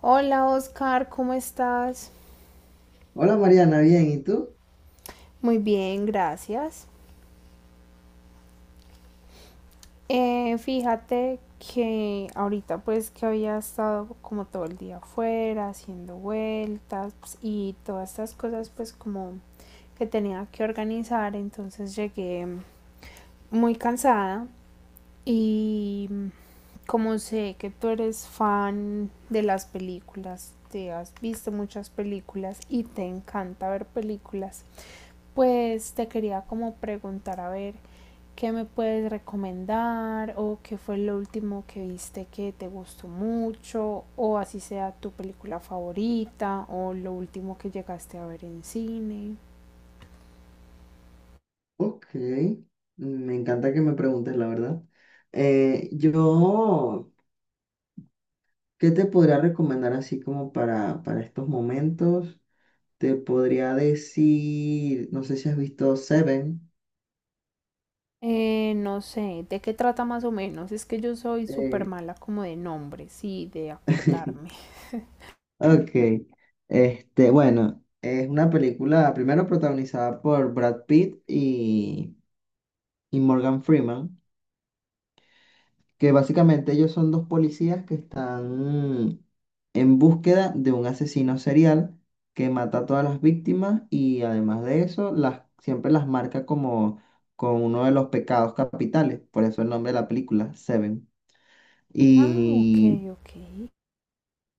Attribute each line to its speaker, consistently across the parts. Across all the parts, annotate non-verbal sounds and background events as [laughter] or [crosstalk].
Speaker 1: Hola Oscar, ¿cómo estás?
Speaker 2: Hola Mariana, bien, ¿y tú?
Speaker 1: Muy bien, gracias. Fíjate que ahorita pues que había estado como todo el día afuera haciendo vueltas pues, y todas estas cosas pues como que tenía que organizar, entonces llegué muy cansada y como sé que tú eres fan de las películas, te has visto muchas películas y te encanta ver películas. Pues te quería como preguntar a ver qué me puedes recomendar o qué fue lo último que viste que te gustó mucho o así sea tu película favorita o lo último que llegaste a ver en cine.
Speaker 2: Ok, me encanta que me preguntes, la verdad. Yo, ¿qué te podría recomendar así como para estos momentos? Te podría decir, no sé si has visto Seven.
Speaker 1: No sé, ¿de qué trata más o menos? Es que yo soy súper
Speaker 2: eh,
Speaker 1: mala como de nombres y de acordarme.
Speaker 2: [laughs]
Speaker 1: [laughs]
Speaker 2: ok, este, bueno, es una película primero protagonizada por Brad Pitt y Morgan Freeman, que básicamente ellos son dos policías que están en búsqueda de un asesino serial que mata a todas las víctimas y además de eso siempre las marca como con uno de los pecados capitales, por eso el nombre de la película, Seven.
Speaker 1: Ah, ok,
Speaker 2: y
Speaker 1: ok.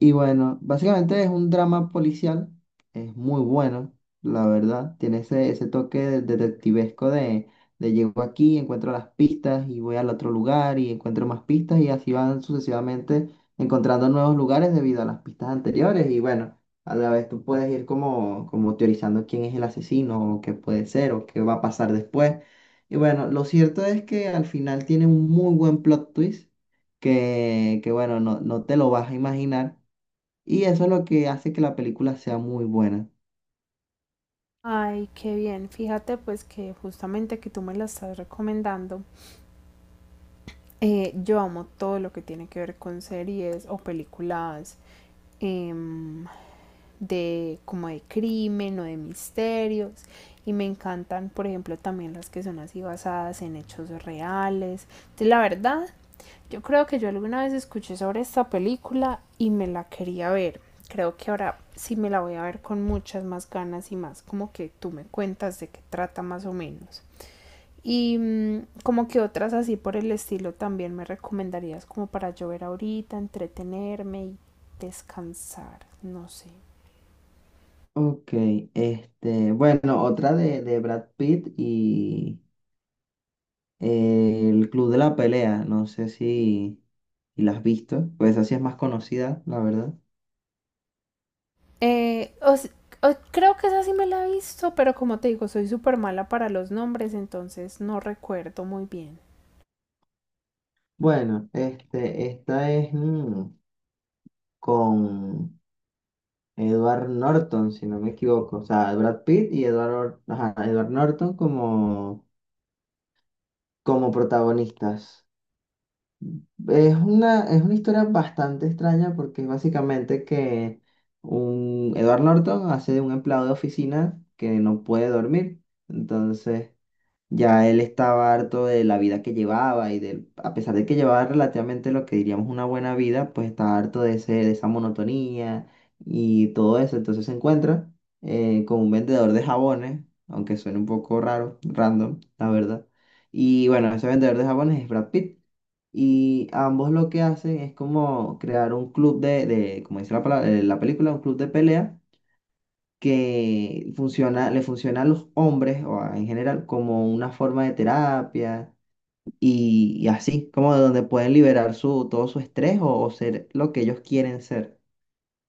Speaker 2: y bueno, básicamente es un drama policial, es muy bueno, la verdad, tiene ese toque de- detectivesco de llego aquí, encuentro las pistas y voy al otro lugar y encuentro más pistas y así van sucesivamente encontrando nuevos lugares debido a las pistas anteriores y bueno, a la vez tú puedes ir como teorizando quién es el asesino o qué puede ser o qué va a pasar después. Y bueno, lo cierto es que al final tiene un muy buen plot twist que bueno, no te lo vas a imaginar. Y eso es lo que hace que la película sea muy buena.
Speaker 1: Ay, qué bien. Fíjate pues que justamente que tú me la estás recomendando. Yo amo todo lo que tiene que ver con series o películas em, de como de crimen o de misterios y me encantan, por ejemplo, también las que son así basadas en hechos reales. Entonces la verdad, yo creo que yo alguna vez escuché sobre esta película y me la quería ver. Creo que ahora sí me la voy a ver con muchas más ganas y más como que tú me cuentas de qué trata más o menos. Y como que otras así por el estilo también me recomendarías como para yo ver ahorita, entretenerme y descansar, no sé.
Speaker 2: Ok, este, bueno, otra de Brad Pitt y el Club de la Pelea, no sé si, si la has visto, pues así es más conocida, la verdad.
Speaker 1: Eh, o s- Creo que esa sí me la he visto, pero como te digo, soy súper mala para los nombres, entonces no recuerdo muy bien.
Speaker 2: Bueno, este, esta es mm, con Edward Norton, si no me equivoco, o sea, Brad Pitt y Edward, Or- ajá, Edward Norton como protagonistas. Es una historia bastante extraña porque es básicamente que un Edward Norton hace de un empleado de oficina que no puede dormir. Entonces, ya él estaba harto de la vida que llevaba y de, a pesar de que llevaba relativamente lo que diríamos una buena vida, pues estaba harto de de esa monotonía y todo eso. Entonces se encuentra con un vendedor de jabones, aunque suene un poco raro, random, la verdad. Y bueno, ese vendedor de jabones es Brad Pitt. Y ambos lo que hacen es como crear un club de como dice la palabra, la película, un club de pelea que funciona, le funciona a los hombres o a- en general como una forma de terapia y así, como de donde pueden liberar su, todo su estrés o ser lo que ellos quieren ser.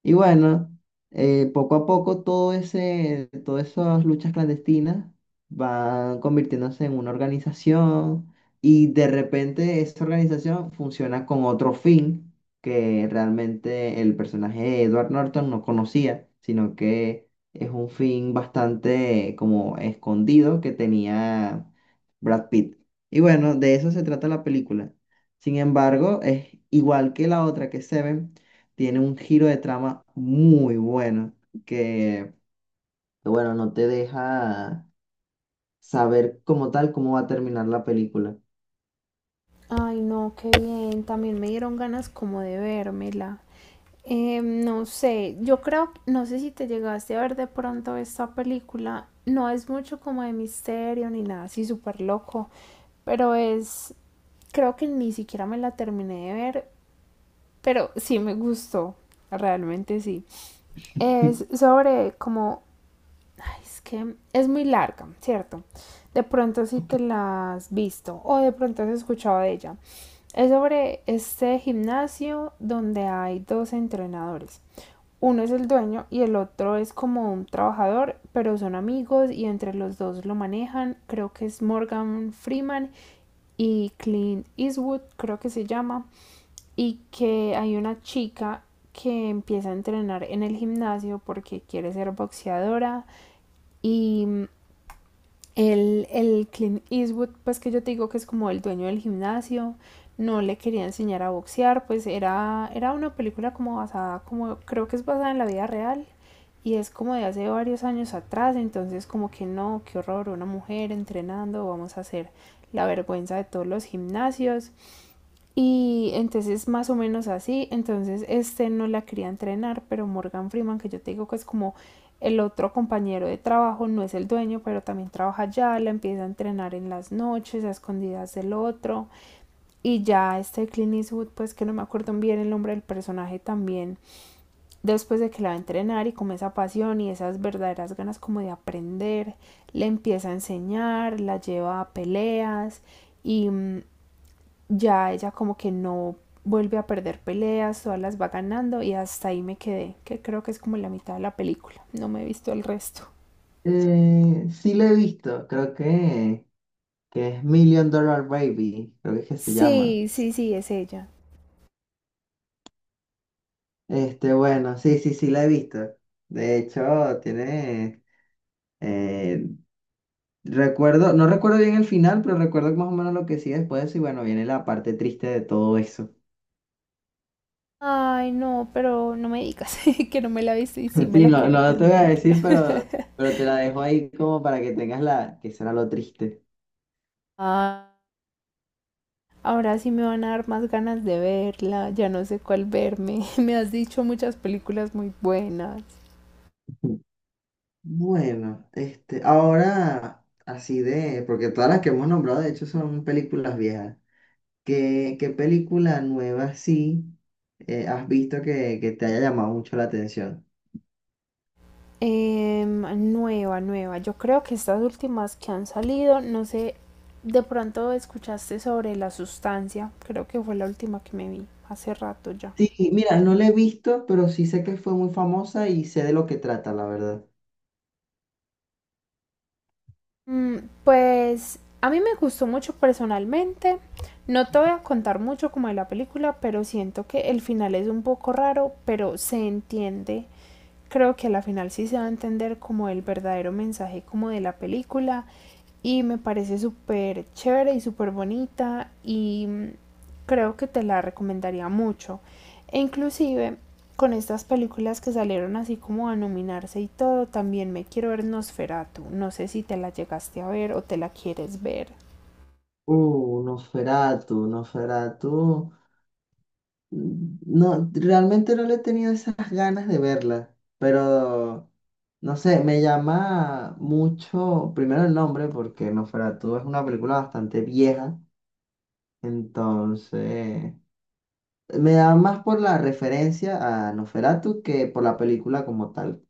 Speaker 2: Y bueno, poco a poco todo todas esas luchas clandestinas van convirtiéndose en una organización y de repente esa organización funciona con otro fin que realmente el personaje de Edward Norton no conocía, sino que es un fin bastante como escondido que tenía Brad Pitt. Y bueno, de eso se trata la película. Sin embargo, es igual que la otra que Seven tiene un giro de trama muy bueno, que, bueno, no te deja saber como tal cómo va a terminar la película.
Speaker 1: Ay, no, qué bien, también me dieron ganas como de vérmela. No sé, yo creo, no sé si te llegaste a ver de pronto esta película, no es mucho como de misterio ni nada así súper loco, pero es, creo que ni siquiera me la terminé de ver, pero sí me gustó, realmente sí. Es
Speaker 2: [laughs]
Speaker 1: sobre como, ay, es que es muy larga, ¿cierto? De pronto si
Speaker 2: Ok.
Speaker 1: te la has visto o de pronto has escuchado de ella. Es sobre este gimnasio donde hay dos entrenadores, uno es el dueño y el otro es como un trabajador, pero son amigos y entre los dos lo manejan. Creo que es Morgan Freeman y Clint Eastwood, creo que se llama. Y que hay una chica que empieza a entrenar en el gimnasio porque quiere ser boxeadora y el Clint Eastwood, pues que yo te digo que es como el dueño del gimnasio, no le quería enseñar a boxear, pues era una película como basada, como creo que es basada en la vida real y es como de hace varios años atrás, entonces como que no, qué horror, una mujer entrenando, vamos a hacer la vergüenza de todos los gimnasios y entonces más o menos así, entonces este no la quería entrenar, pero Morgan Freeman, que yo te digo que es como el otro compañero de trabajo, no es el dueño, pero también trabaja allá, la empieza a entrenar en las noches, a escondidas del otro. Y ya este Clint Eastwood, pues que no me acuerdo bien el nombre del personaje también, después de que la va a entrenar y con esa pasión y esas verdaderas ganas como de aprender, le empieza a enseñar, la lleva a peleas y ya ella como que no vuelve a perder peleas, todas las va ganando y hasta ahí me quedé, que creo que es como la mitad de la película, no me he visto el resto.
Speaker 2: Sí la he visto, que es Million Dollar Baby, creo que es que se llama.
Speaker 1: Sí, sí, sí, es ella.
Speaker 2: Este, bueno, sí, sí, sí la he visto. De hecho, tiene, eh, recuerdo, no recuerdo bien el final, pero recuerdo más o menos lo que sigue después y bueno, viene la parte triste de todo eso.
Speaker 1: Ay, no, pero no me digas [laughs] que no me la he visto y sí me
Speaker 2: Sí,
Speaker 1: la
Speaker 2: no,
Speaker 1: quiero
Speaker 2: no te voy a
Speaker 1: terminar.
Speaker 2: decir,
Speaker 1: [laughs]
Speaker 2: pero te la dejo ahí como para que tengas la, que será lo triste.
Speaker 1: Ah, ahora sí me van a dar más ganas de verla, ya no sé cuál verme. [laughs] Me has dicho muchas películas muy buenas.
Speaker 2: Bueno, este, ahora, así de, porque todas las que hemos nombrado de hecho son películas viejas. ¿ qué película nueva sí has visto que te haya llamado mucho la atención?
Speaker 1: Em, Nueva, nueva. Yo creo que estas últimas que han salido, no sé, de pronto escuchaste sobre la sustancia. Creo que fue la última que me vi hace rato ya.
Speaker 2: Sí, mira, no la he visto, pero sí sé que fue muy famosa y sé de lo que trata, la verdad.
Speaker 1: Mm, pues a mí me gustó mucho personalmente. No te voy a contar mucho como de la película, pero siento que el final es un poco raro, pero se entiende, creo que a la final sí se va a entender como el verdadero mensaje como de la película y me parece súper chévere y súper bonita y creo que te la recomendaría mucho. E inclusive con estas películas que salieron así como a nominarse y todo, también me quiero ver Nosferatu. No sé si te la llegaste a ver o te la quieres ver.
Speaker 2: Nosferatu. No, realmente no le he tenido esas ganas de verla, pero no sé, me llama mucho, primero el nombre, porque Nosferatu es una película bastante vieja, entonces me da más por la referencia a Nosferatu que por la película como tal.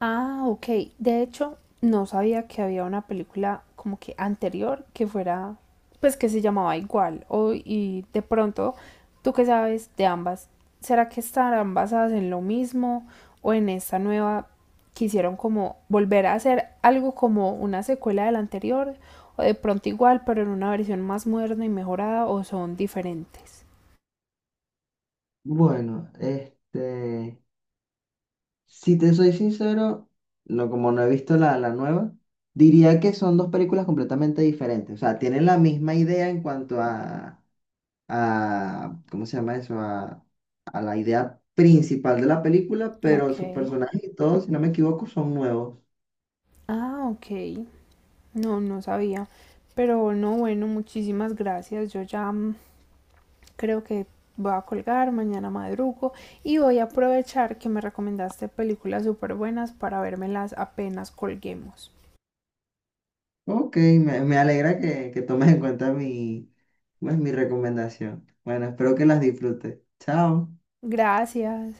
Speaker 1: Ah, ok. De hecho, no sabía que había una película como que anterior que fuera, pues que se llamaba igual. O, y de pronto, ¿tú qué sabes de ambas? ¿Será que estarán basadas en lo mismo o en esta nueva quisieron como volver a hacer algo como una secuela de la anterior? O de pronto igual, pero en una versión más moderna y mejorada o son diferentes.
Speaker 2: Bueno, este, si te soy sincero, no, como no he visto la nueva, diría que son dos películas completamente diferentes, o sea, tienen la misma idea en cuanto a, ¿cómo se llama eso? A la idea principal de la película, pero
Speaker 1: Ok.
Speaker 2: sus personajes y todo, si no me equivoco, son nuevos.
Speaker 1: Ah, ok. No, no sabía. Pero no, bueno, muchísimas gracias. Yo ya creo que voy a colgar, mañana madrugo y voy a aprovechar que me recomendaste películas súper buenas para vérmelas apenas colguemos.
Speaker 2: Ok, me alegra que tomes en cuenta mi, pues, mi recomendación. Bueno, espero que las disfrutes. Chao.
Speaker 1: Gracias.